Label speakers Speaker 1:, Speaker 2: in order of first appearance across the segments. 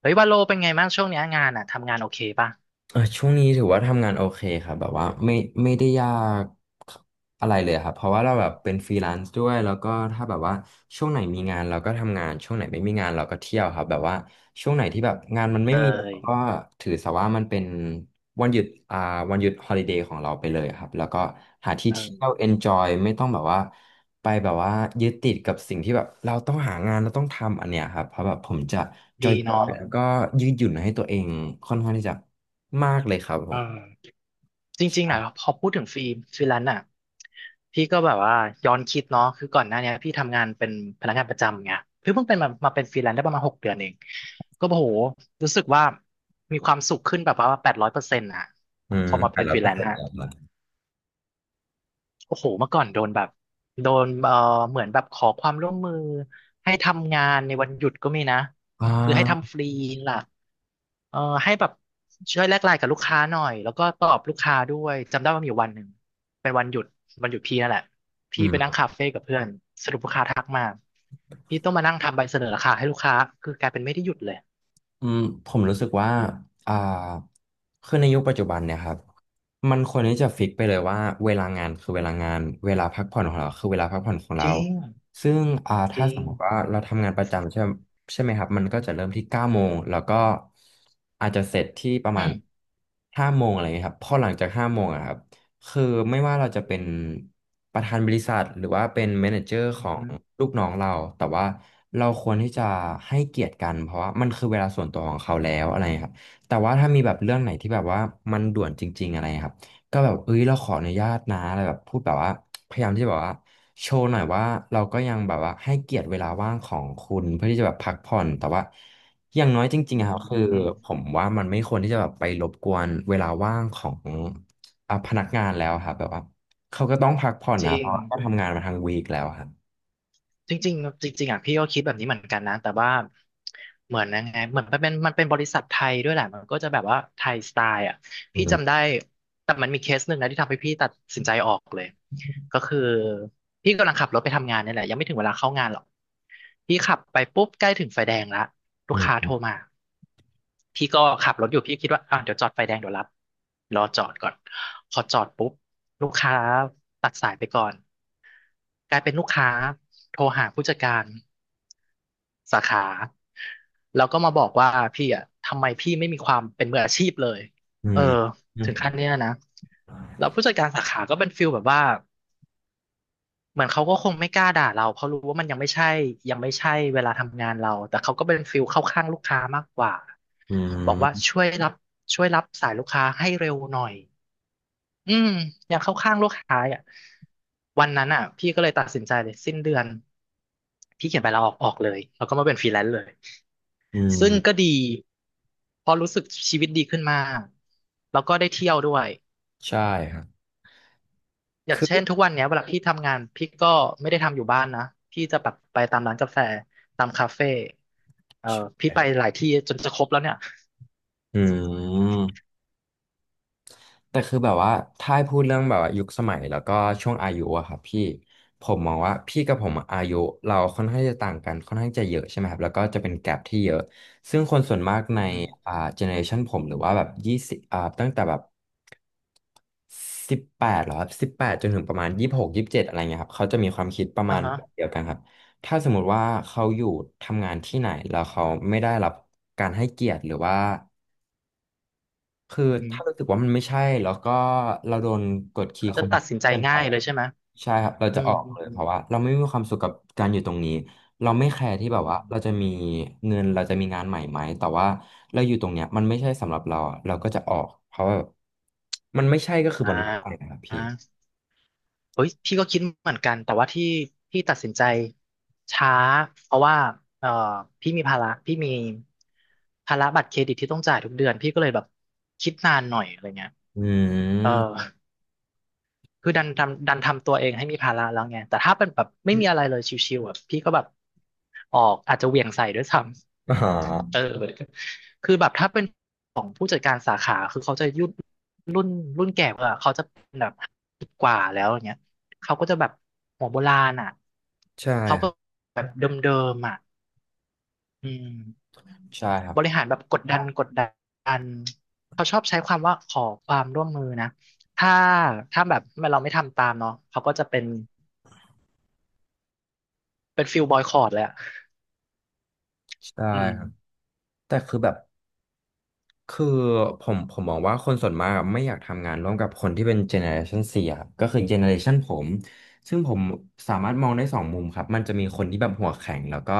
Speaker 1: เฮ้ยว่าโลเป็นไงบ้างช่วงเนี้ยงานอ่ะทำงานโอเคป่ะ
Speaker 2: เออช่วงนี้ถือว่าทำงานโอเคครับแบบว่าไม่ได้ยากอะไรเลยครับเพราะว่าเราแบบเป็นฟรีแลนซ์ด้วยแล้วก็ถ้าแบบว่าช่วงไหนมีงานเราก็ทำงานช่วงไหนไม่มีงานเราก็เที่ยวครับแบบว่าช่วงไหนที่แบบงานมัน
Speaker 1: เอ
Speaker 2: ไม่
Speaker 1: อ
Speaker 2: มี
Speaker 1: ย
Speaker 2: เราก็ถือซะว่ามันเป็น วันหยุดอ่าวันหยุดฮอลิเดย์ของเราไปเลยครับ แล้วก็หาที่
Speaker 1: เอ
Speaker 2: เที่
Speaker 1: อ
Speaker 2: ยวเอนจอยไม่ต้องแบบว่าไปแบบว่ายึดติดกับสิ่งที่แบบเราต้องหางานเราต้องทำอันเนี้ยครับ เพราะแบบผมจะจ
Speaker 1: ดี
Speaker 2: อ
Speaker 1: เนาะ
Speaker 2: ยๆแล้วก็ยืดหยุ่นให้ตัวเองค่อนข้างที่จะมากเลยครับผ
Speaker 1: เอ
Speaker 2: ม
Speaker 1: อจริงๆนะพ
Speaker 2: ใช่
Speaker 1: อพูดถึงฟรีแลนซ์อ่ะพี่ก็แบบว่าย้อนคิดเนาะคือก่อนหน้าเนี้ยพี่ทำงานเป็นพนักงานประจำไงเพิ่งเป็นมาเป็นฟรีแลนซ์ได้ประมาณ6 เดือนเองก็โอ้โหรู้สึกว่ามีความสุขขึ้นแบบว่า800%อ่ะ
Speaker 2: อื
Speaker 1: พ
Speaker 2: ม
Speaker 1: อมา
Speaker 2: แต่
Speaker 1: เป็น
Speaker 2: เรา
Speaker 1: ฟรี
Speaker 2: ก็
Speaker 1: แลน
Speaker 2: เสร็
Speaker 1: ซ์
Speaker 2: จ
Speaker 1: อ่ะ
Speaker 2: แล้วเหรอ
Speaker 1: โอ้โหเมื่อก่อนโดนแบบโดนเหมือนแบบขอความร่วมมือให้ทำงานในวันหยุดก็มีนะ
Speaker 2: อ่
Speaker 1: คือให้
Speaker 2: า
Speaker 1: ทำฟรีล่ะเอ่อให้แบบช่วยแลกไลน์กับลูกค้าหน่อยแล้วก็ตอบลูกค้าด้วยจำได้ว่ามีอยู่วันหนึ่งเป็นวันหยุดวันหยุดพี่นั่นแหละพี่ไปนั่งคาเฟ่กับเพื่อนสรุปลูกค้าทักมาพี่ต้องมานั่งทำใบเสนอราคาให้ลูกค้าคือกลายเป็นไม่ได้หยุดเลย
Speaker 2: อืมผมรู้สึกว่าอ่าคือในยุคปัจจุบันเนี่ยครับมันควรที่จะฟิกไปเลยว่าเวลางานคือเวลางานเวลาพักผ่อนของเราคือเวลาพักผ่อนของ
Speaker 1: จ
Speaker 2: เรา
Speaker 1: ริง
Speaker 2: ซึ่ง
Speaker 1: จ
Speaker 2: ถ้า
Speaker 1: ริ
Speaker 2: ส
Speaker 1: ง
Speaker 2: มมติว่าเราทำงานประจำใช่ไหมครับมันก็จะเริ่มที่9 โมงแล้วก็อาจจะเสร็จที่ประ
Speaker 1: อื
Speaker 2: มาณ
Speaker 1: ม
Speaker 2: ห้าโมงอะไรเงี้ยครับพอหลังจากห้าโมงอะครับ คือไม่ว่าเราจะเป็นประธานบริษัทหรือว่าเป็นแมเนเจอร์
Speaker 1: อื
Speaker 2: ของ
Speaker 1: ม
Speaker 2: ลูกน้องเราแต่ว่าเราควรที่จะให้เกียรติกันเพราะว่ามันคือเวลาส่วนตัวของเขาแล้วอะไรครับแต่ว่าถ้ามีแบบเรื่องไหนที่แบบว่ามันด่วนจริงๆอะไรครับก็แบบเอ้ยเราขออนุญาตนะอะไรแบบพูดแบบว่าพยายามที่จะแบบว่าโชว์หน่อยว่าเราก็ยังแบบว่าให้เกียรติเวลาว่างของคุณเพื่อที่จะแบบพักผ่อนแต่ว่าอย่างน้อยจริง
Speaker 1: อื
Speaker 2: ๆอะครับคือผ
Speaker 1: ม
Speaker 2: มว่ามันไม่ควรที่จะแบบไปรบกวนเวลาว่างของ พนักงานแล้วครับแบบว่าเขาก็ต้องพักผ่อน
Speaker 1: จ
Speaker 2: นะ
Speaker 1: ริ
Speaker 2: เพ
Speaker 1: ง
Speaker 2: ราะว่าก็ทำงานมาทั้งวีคแล้วครับ
Speaker 1: จริงๆจริงๆอ่ะพี่ก็คิดแบบนี้เหมือนกันนะแต่ว่าเหมือนยังไงเหมือนมันเป็นบริษัทไทยด้วยแหละมันก็จะแบบว่าไทยสไตล์อ่ะ
Speaker 2: อื
Speaker 1: พี่
Speaker 2: ม
Speaker 1: จำได้แต่มันมีเคสหนึ่งนะที่ทำให้พี่ตัดสินใจออกเลยก็คือพี่กำลังขับรถไปทำงานเนี่ยแหละยังไม่ถึงเวลาเข้างานหรอกพี่ขับไปปุ๊บใกล้ถึงไฟแดงละลู
Speaker 2: อื
Speaker 1: กค้าโทร
Speaker 2: ม
Speaker 1: มาพี่ก็ขับรถอยู่พี่คิดว่าอ่ะเดี๋ยวจอดไฟแดงเดี๋ยวรับรอจอดก่อนพอจอดปุ๊บลูกค้าตัดสายไปก่อนกลายเป็นลูกค้าโทรหาผู้จัดการ สาขาแล้วก็มาบอกว่าพี่อ่ะทำไมพี่ไม่มีความเป็นมืออาชีพเลย
Speaker 2: อื
Speaker 1: เออ
Speaker 2: มอื
Speaker 1: ถึง
Speaker 2: ม
Speaker 1: ขั้นเนี้ยนะแล้วผู้จัดการสาขาก็เป็นฟิลแบบว่าเหมือนเขาก็คงไม่กล้าด่าเราเพราะรู้ว่ามันยังไม่ใช่ยังไม่ใช่เวลาทำงานเราแต่เขาก็เป็นฟิลเข้าข้างลูกค้ามากกว่า
Speaker 2: อื
Speaker 1: บอกว่า
Speaker 2: ม
Speaker 1: ช่วยรับสายลูกค้าให้เร็วหน่อยอืมยังเข้าข้างลูกค้าอ่ะวันนั้นอ่ะพี่ก็เลยตัดสินใจเลยสิ้นเดือนพี่เขียนใบลาออกออกเลยแล้วก็มาเป็นฟรีแลนซ์เลย
Speaker 2: อื
Speaker 1: ซึ่งก็
Speaker 2: ม
Speaker 1: ดีเพอราะรู้สึกชีวิตดีขึ้นมากแล้วก็ได้เที่ยวด้วย
Speaker 2: ใช่ครับ
Speaker 1: อย่าง
Speaker 2: คือ
Speaker 1: เช่นทุกวันเนี้ยเวลาพี่ทำงานพี่ก็ไม่ได้ทำอยู่บ้านนะพี่จะแบบไปตามร้านกาแฟตามคาเฟ่เอ่อพี่ไปหลายที่จนจะครบแล้วเนี่ย
Speaker 2: อืม แต่คือแบบว่าถ้าให้พูดเรื่องแบบว่ายุคสมัยแล้วก็ช่วงอายุอะครับพี่ผมมองว่าพี่กับผมอะอายุเราค่อนข้างจะต่างกันค่อนข้างจะเยอะใช่ไหมครับแล้วก็จะเป็นแกปที่เยอะซึ่งคนส่วนมากใน
Speaker 1: อือฮึ
Speaker 2: เจเนอเรชันผมหรือว่าแบบยี่สิบตั้งแต่แบบสิบแปดหรอครับสิบแปดจนถึงประมาณ2627อะไรเงี้ยครับเขาจะมีความคิดประ
Speaker 1: อ่า
Speaker 2: มาณ
Speaker 1: ฮะ
Speaker 2: แบบเดียวกันครับถ้าสมมุติว่าเขาอยู่ทำงานที่ไหนแล้วเขาไม่ได้รับการให้เกียรติหรือว่า คือ
Speaker 1: อือฮึ
Speaker 2: ถ้ารู้สึกว่ามันไม่ใช่แล้วก็เราโดนกดขี่
Speaker 1: เขาจะ
Speaker 2: ข่ม
Speaker 1: ตัดสินใจ
Speaker 2: เกินไป
Speaker 1: ง่ายเล
Speaker 2: อะ
Speaker 1: ยใช่ไหม
Speaker 2: ใช่ครับเรา
Speaker 1: อื
Speaker 2: จะอ
Speaker 1: ม
Speaker 2: อก
Speaker 1: อืม
Speaker 2: เลย
Speaker 1: อื
Speaker 2: เพ
Speaker 1: ม
Speaker 2: ราะว่าเราไม่มีความสุขกับการอยู่ตรงนี้เราไม่แคร์ที่แบ
Speaker 1: อ
Speaker 2: บว่าเรา
Speaker 1: ม
Speaker 2: จะมีเงินเราจะมีงานใหม่ไหมแต่ว่าเราอยู่ตรงเนี้ยมันไม่ใช่สำหรับเราอะเราก็จะออกเพราะว่ามันไม่ใช่ก็คือ
Speaker 1: อ่า
Speaker 2: มันไม่ใช่นะครับ
Speaker 1: อ่า
Speaker 2: พี่
Speaker 1: เฮ้ยพี่ก็คิดเหมือนกันแต่ว่าที่พี่ตัดสินใจช้าเพราะว่าเอ่อพี่มีภาระพี่มีภาระบัตรเครดิตที่ต้องจ่ายทุกเดือนพี่ก็เลยแบบคิดนานหน่อยอะไรเงี้ย
Speaker 2: อื
Speaker 1: เออ
Speaker 2: ม
Speaker 1: คือดันทำตัวเองให้มีภาระแล้วไงแต่ถ้าเป็นแบบไม่มีอะไร เลยชิวๆแบบพี่ก็แบบออกอาจจะเหวี่ยงใส่ด้วยซ้
Speaker 2: อ๋
Speaker 1: ำ เออ
Speaker 2: อ
Speaker 1: คือแบบถ้าเป็นของผู้จัดการสาขาคือเขาจะยุ่นรุ่นรุ่นแก่กว่าเขาจะเป็นแบบกว่าแล้วอย่างเงี้ยเขาก็จะแบบหัวโบราณอ่ะ
Speaker 2: ใช่
Speaker 1: เขา
Speaker 2: ค
Speaker 1: ก็
Speaker 2: รับ
Speaker 1: แบบเดิมๆอ่ะอืม
Speaker 2: ใช่ครับ
Speaker 1: บริหารแบบกดดันเขาชอบใช้ความว่าขอความร่วมมือนะถ้าถ้าแบบเราไม่ทำตามเนาะเขาก็จะเป็นฟิลบอยคอตเลยอะ
Speaker 2: ใช่
Speaker 1: อืม
Speaker 2: ครับแต่คือแบบ คือผมมองว่าคนส่วนมากอะไม่อยากทำงานร่วมกับคนที่เป็นเจเนอเรชัน4ครับก็คือเจเนอเรชันผมซึ่งผมสามารถมองได้สองมุมครับมันจะมีคนที่แบบหัวแข็งแล้วก็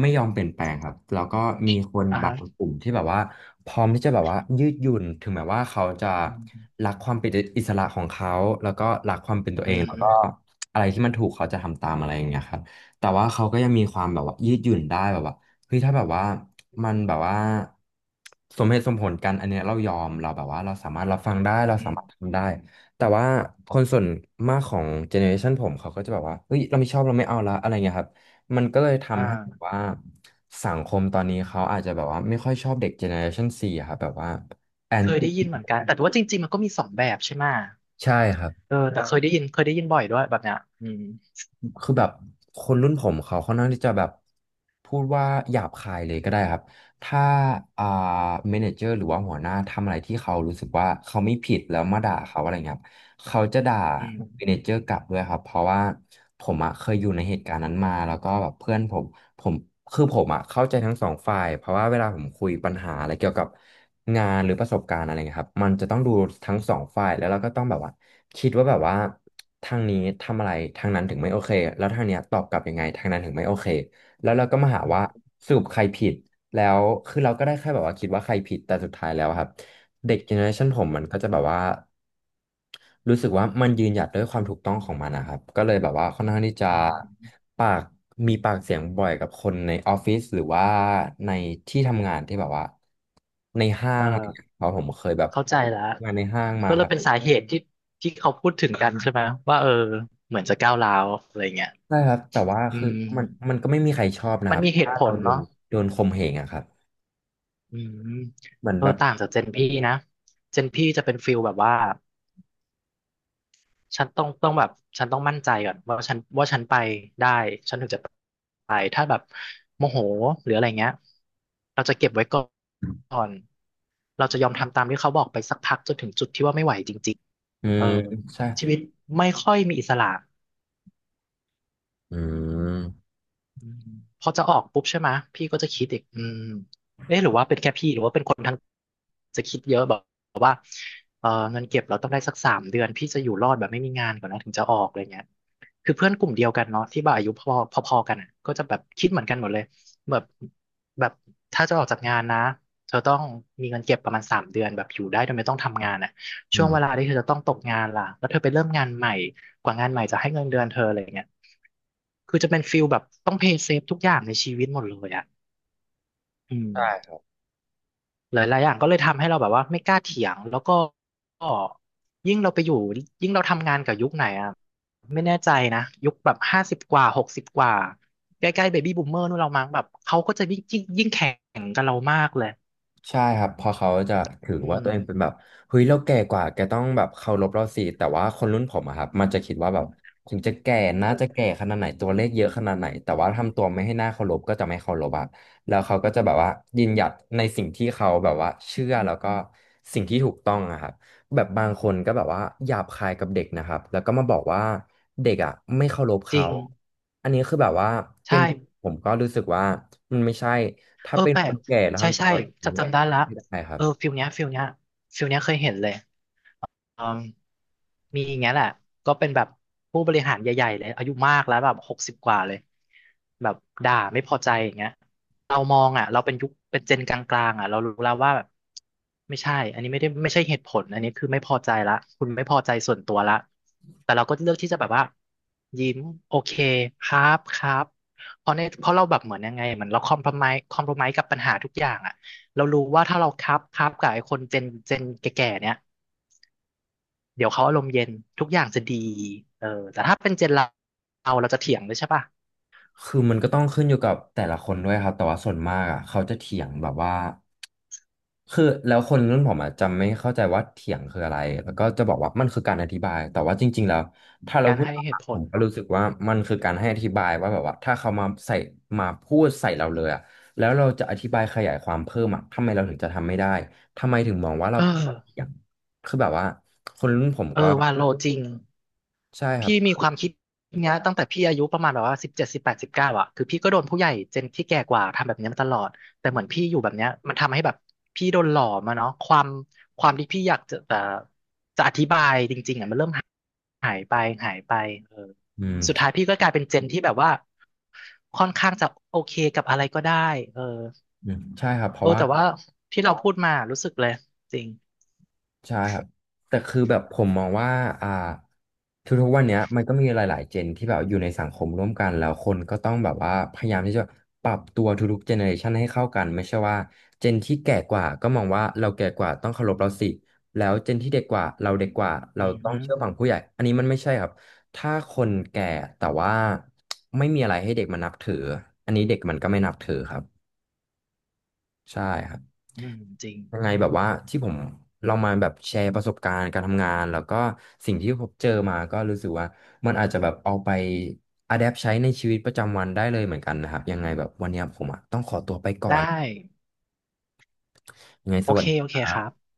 Speaker 2: ไม่ยอมเปลี่ยนแปลงครับแล้วก็มีคน
Speaker 1: อ่า
Speaker 2: บาง
Speaker 1: ฮะ
Speaker 2: กลุ่มที่แบบว่าพร้อมที่จะแบบว่ายืดหยุ่นถึงแม้ว่าเขาจะ
Speaker 1: อืม
Speaker 2: รักความเป็นอิสระของเขาแล้วก็รักความเป็นตัว
Speaker 1: อื
Speaker 2: เองแล้วก็
Speaker 1: ม
Speaker 2: อะไรที่มันถูกเขาจะทำตามอะไรอย่างเงี้ยครับแต่ว่าเขาก็ยังมีความแบบว่ายืดหยุ่นได้แบบว่า เฮ้ยถ้าแบบว่ามันแบบว่าสมเหตุสมผลกันอันเนี้ยเรายอมเราแบบว่าเราสามารถรับฟังได้เรา
Speaker 1: อื
Speaker 2: สา
Speaker 1: ม
Speaker 2: มารถทำได้แต่ว่าคนส่วนมากของเจเนอเรชันผมเขาก็จะแบบว่าเฮ้ยเราไม่ชอบเราไม่เอาละอะไรเงี้ยครับมันก็เลยทำให้แบบ
Speaker 1: อ่า
Speaker 2: ว่าสังคมตอนนี้เขาอาจจะแบบว่าไม่ค่อยชอบเด็กเจเนอเรชันซีอะครับแบบว่าแอน
Speaker 1: เคย
Speaker 2: ตี้
Speaker 1: ได้ยินเหมือนกัน แต่ว่าจริงๆมันก็มีสองแบบใช่ไหม
Speaker 2: ใช่ครับ
Speaker 1: เออแต่เคยได้ยินบ่อยด้วยแบบเนี้ยอืม
Speaker 2: คือแบบคนรุ่นผมเขาค่อนข้างที่จะแบบพูดว่าหยาบคายเลยก็ได้ครับถ้าอ่าเมเนเจอร์หรือว่าหัวหน้าทำอะไรที่เขารู้สึกว่าเขาไม่ผิดแล้วมาด่าเขาอะไรเงี้ย เขาจะด่า
Speaker 1: อื
Speaker 2: เมเน
Speaker 1: ม
Speaker 2: เจอร์กลับด้วยครับเพราะว่าผมอะเคยอยู่ในเหตุการณ์นั้นมาแล้วก็แบบเพื่อนผมผมคือผมอะเข้าใจทั้งสองฝ่ายเพราะว่าเวลาผมคุยปัญหาอะไรเกี่ยวกับงานหรือประสบการณ์อะไรเงี้ยครับมันจะต้องดูทั้งสองฝ่ายแล้วเราก็ต้องแบบว่าคิดว่าแบบว่าทางนี้ทำอะไรทางนั้นถึงไม่โอเคแล้วทางเนี้ยตอบกลับยังไงทางนั้นถึงไม่โอเคแล้วเราก็มาหา
Speaker 1: อืม
Speaker 2: ว่าสรุปใครผิดแล้วคือเราก็ได้แค่แบบว่าคิดว่าใครผิดแต่สุดท้ายแล้วอะครับ
Speaker 1: อื
Speaker 2: เด็กเจ
Speaker 1: ม
Speaker 2: เนอเรชันผมมันก็จะแบบว่า รู้สึกว่ามันยืนหยัดด้วยความถูกต้องของมันนะครับก็เลยแบบว่าค่อนข้างที่จะ
Speaker 1: อืม
Speaker 2: ปากมีปากเสียงบ่อยกับคนในออฟฟิศหรือว่าในที่ทำงานที่แบบว่าในห้า
Speaker 1: เอ
Speaker 2: งอะไรอย่างเงี้ย
Speaker 1: อ
Speaker 2: เพราะผมเคยแบบ
Speaker 1: เข้าใจแล้ว
Speaker 2: ทำงานในห้างมา
Speaker 1: ก็เล
Speaker 2: ค
Speaker 1: ย
Speaker 2: รับ
Speaker 1: เป็นสาเหตุที่เขาพูดถึงกันใช่ไหม ว่าเออเหมือนจะก้าวร้าวอะไรเงี้ย
Speaker 2: ใช่ครับแต่ว่า
Speaker 1: อื
Speaker 2: คือมัน
Speaker 1: ม
Speaker 2: มันก็ไม่มีใครชอบนะ
Speaker 1: มั
Speaker 2: ค
Speaker 1: น
Speaker 2: รับ
Speaker 1: มีเห
Speaker 2: ถ้า
Speaker 1: ตุผ
Speaker 2: เรา
Speaker 1: ล
Speaker 2: โดน
Speaker 1: เนาะ
Speaker 2: ข่มเหงอะครับ
Speaker 1: อืม
Speaker 2: เหมือน
Speaker 1: เออ
Speaker 2: แบบ
Speaker 1: ต่างจากเจนพี่นะเจนพี่จะเป็นฟิลแบบว่า ฉันต้องแบบฉันต้องมั่นใจก่อนว่าฉันไปได้ฉันถึงจะไปถ้าแบบโมโหหรืออะไรเงี้ยเราจะเก็บไว้ก่อนเราจะยอมทำตามที่เขาบอกไปสักพักจนถึงจุดที่ว่าไม่ไหวจริง
Speaker 2: อื
Speaker 1: ๆเอ
Speaker 2: ม
Speaker 1: อ
Speaker 2: ใช่
Speaker 1: ชีวิตไม่ค่อยมีอิสระ
Speaker 2: อืม
Speaker 1: อืมพอจะออกปุ๊บใช่ไหมะพี่ก็จะคิดอีกอืมเอ๊ะหรือว่าเป็นแค่พี่หรือว่าเป็นคนทั้งจะคิดเยอะแบบ เออเงินเก็บเราต้องได้สักสามเดือนพี่จะอยู่รอดแบบไม่มีงานก่อนนะถึงจะออกอะไรเงี้ยคือเพื่อนกลุ่มเดียวกันเนาะที่แบบอายุพอพอๆกันอ่ะก็จะแบบคิดเหมือนกันหมดเลยแบบแบบถ้าจะออกจากงานนะเธอต้องมีเงินเก็บประมาณสามเดือนแบบอยู่ได้โดยไม่ต้องทำงานอ่ะ
Speaker 2: อื
Speaker 1: ช่วงเว
Speaker 2: ม
Speaker 1: ลาที่เธอจะต้องตกงานล่ะแล้วเธอไปเริ่มงานใหม่กว่างานใหม่จะให้เงินเดือนเธออะไรเงี้ยคือจะเป็นฟิลแบบต้องเพย์เซฟทุกอย่างในชีวิตหมดเลยอ่ะอืม
Speaker 2: ใช่
Speaker 1: หลายๆอย่างก็เลยทำให้เราแบบว่าไม่กล้าเถียงแล้วก็ยิ่งเราไปอยู่ยิ่งเราทำงานกับยุคไหนอ่ะไม่แน่ใจนะยุคแบบ50 กว่าหกสิบกว่าใกล้ๆเบบี้บูมเมอร์นู่นเรามั้งแบบเขาก็จะยิ่งแข่งกับเรามากเลย
Speaker 2: ใช่ครับเพอเขาจะถือ
Speaker 1: อื
Speaker 2: ว่าตั
Speaker 1: ม
Speaker 2: วเองเป็นแบบเฮ้ยเราแก่กว่าแกต้องแบบเคารพเราสิแต่ว่าคนรุ่นผมอะครับมันจะคิดว่าแบบถึงจะแก่น่าจะแก่ขนาดไหนตัวเลขเยอะขนาดไหนแต่ว่าทำตัวไม่ให้น่าเคารพก็จะไม่เคารพอะแล้วเขาก็จะแบบว่ายืนหยัดในสิ่งที่เขาแบบว่าเชื่อแล้วก็สิ่งที่ถูกต้องอะครับแบบบางคนก็แบบว่าหยาบคายกับเด็กนะครับแล้วก็มาบอกว่าเด็กอ่ะไม่เคารพ
Speaker 1: จริ
Speaker 2: เขา
Speaker 1: ง
Speaker 2: อันนี้คือแบบว่าเป็
Speaker 1: ใช่
Speaker 2: นผมก็รู้สึกว่ามันไม่ใช่ถ้า
Speaker 1: เออ
Speaker 2: เป็น
Speaker 1: แปล
Speaker 2: ค
Speaker 1: ก
Speaker 2: นแก่แล้ว
Speaker 1: ใช่
Speaker 2: ทำตัว
Speaker 1: ใช่
Speaker 2: แบบ
Speaker 1: จะ
Speaker 2: นี้
Speaker 1: จำได้ละ
Speaker 2: ไม่ได้ครั
Speaker 1: เอ
Speaker 2: บ
Speaker 1: อฟิลเนี้ยเคยเห็นเลย เอิ่มมีอย่างเงี้ยแหละก็เป็นแบบผู้บริหารใหญ่ๆเลยอายุมากแล้วแบบหกสิบกว่าเลยแบบด่าไม่พอใจอย่างเงี้ยเรามองอ่ะเราเป็นยุคเป็นเจนกลางๆอ่ะเรารู้แล้วว่าแบบไม่ใช่อันนี้ไม่ได้ไม่ใช่เหตุผลอันนี้คือไม่พอใจละคุณไม่พอใจส่วนตัวละแต่เราก็เลือกที่จะแบบว่ายิ้มโอเคครับครับเพราะเราแบบเหมือนยังไงเหมือนเราคอมพ o ไ s e คอมพ o ไ s e กับปัญหาทุกอย่างอ่ะเรารู้ว่าถ้าเราครับครับกับไอ้คนเจนแก่ๆเนี้ย เดี๋ยวเขาอารมณ์เย็นทุกอย่างจะดีเออแต่ถ้าเป็นเจนเรา เราจะเถียงเลยใช่ป่ะ
Speaker 2: คือมันก็ต้องขึ้นอยู่กับแต่ละคนด้วยครับ แต่ว่าส่วนมากอ่ะเขาจะเถียงแบบว่าคือแล้วคนรุ่นผมอ่ะจะไม่เข้าใจว่าเถียงคืออะไรแล้วก็จะบอกว่ามันคือการอธิบายแต่ว่าจริงๆแล้วถ้าเรา
Speaker 1: การ
Speaker 2: พูด
Speaker 1: ให้
Speaker 2: ตาม
Speaker 1: เห
Speaker 2: หลั
Speaker 1: ตุ
Speaker 2: ก
Speaker 1: ผ
Speaker 2: ผ
Speaker 1: ล
Speaker 2: มก็
Speaker 1: เนาะ
Speaker 2: รู้สึกว่ามันคือการให้อธิบายว่าแบบว่าถ้าเขามาใส่มาพูดใส่เราเลยอ่ะแล้วเราจะอธิบายขยายความเพิ่มอ่ะทำไมเราถึงจะทำไม่ได้ทำไมถึงมองว่าเรา
Speaker 1: เออ
Speaker 2: เถียงคือแบบว่าคนรุ่นผม
Speaker 1: เออ
Speaker 2: ก็
Speaker 1: ว่าโลจริง
Speaker 2: ใช่ครั
Speaker 1: พี่
Speaker 2: บ
Speaker 1: มีความคิดเนี้ยตั้งแต่พี่อายุประมาณแบบว่า17 18 19อะคือพี่ก็โดนผู้ใหญ่เจนที่แก่กว่าทำแบบเนี้ยมาตลอดแต่เหมือนพี่อยู่แบบเนี้ยมันทำให้แบบพี่โดนหล่อมาเนาะความที่พี่อยากจะแต่จะอธิบายจริงๆอะมันเริ่มหายไปหายไปเออ
Speaker 2: อืม
Speaker 1: สุด
Speaker 2: ใช่
Speaker 1: ท้ายพี่ก็กลายเป็นเจนที่แบบว่าค่อนข้างจะโอเคกับอะไรก็ได้เออ
Speaker 2: อืมใช่ครับเพ
Speaker 1: โอ้
Speaker 2: ราะว่า
Speaker 1: แต่ว่าที่เราพูดมารู้สึกเลยจริง
Speaker 2: ใช่ครับแต่คือแบบผมมองว่าอ่าทุกๆวันเนี้ยมันก็มีหลายๆเจนที่แบบอยู่ในสังคมร่วมกันแล้วคนก็ต้องแบบว่าพยายามที่จะปรับตัวทุกๆเจเนอเรชันให้เข้ากันไม่ใช่ว่าเจนที่แก่กว่าก็มองว่าเราแก่กว่าต้องเคารพเราสิแล้วเจนที่เด็กกว่าเราเด็กกว่า
Speaker 1: อื
Speaker 2: เรา
Speaker 1: ม
Speaker 2: ต้อง
Speaker 1: ฮึ
Speaker 2: เชื่อฟังผู้ใหญ่อันนี้มันไม่ใช่ครับถ้าคนแก่แต่ว่าไม่มีอะไรให้เด็กมันนับถืออันนี้เด็กมันก็ไม่นับถือครับ ใช่ครับ
Speaker 1: อืมจริง
Speaker 2: ยังไงแบบว่าที่ผมลองมาแบบแชร์ประสบการณ์การทำงานแล้วก็สิ่งที่ผมเจอมาก็รู้สึกว่ามันอาจจะแบบเอาไปอะแดปใช้ในชีวิตประจำวันได้เลยเหมือนกันนะครับยังไงแบบวันเนี้ยผมอะต้องขอตัวไปก่อ
Speaker 1: ได้
Speaker 2: นยังไง
Speaker 1: โอ
Speaker 2: สวั
Speaker 1: เค
Speaker 2: สดี
Speaker 1: โอ
Speaker 2: ค
Speaker 1: เค
Speaker 2: รั
Speaker 1: ครั
Speaker 2: บ
Speaker 1: บ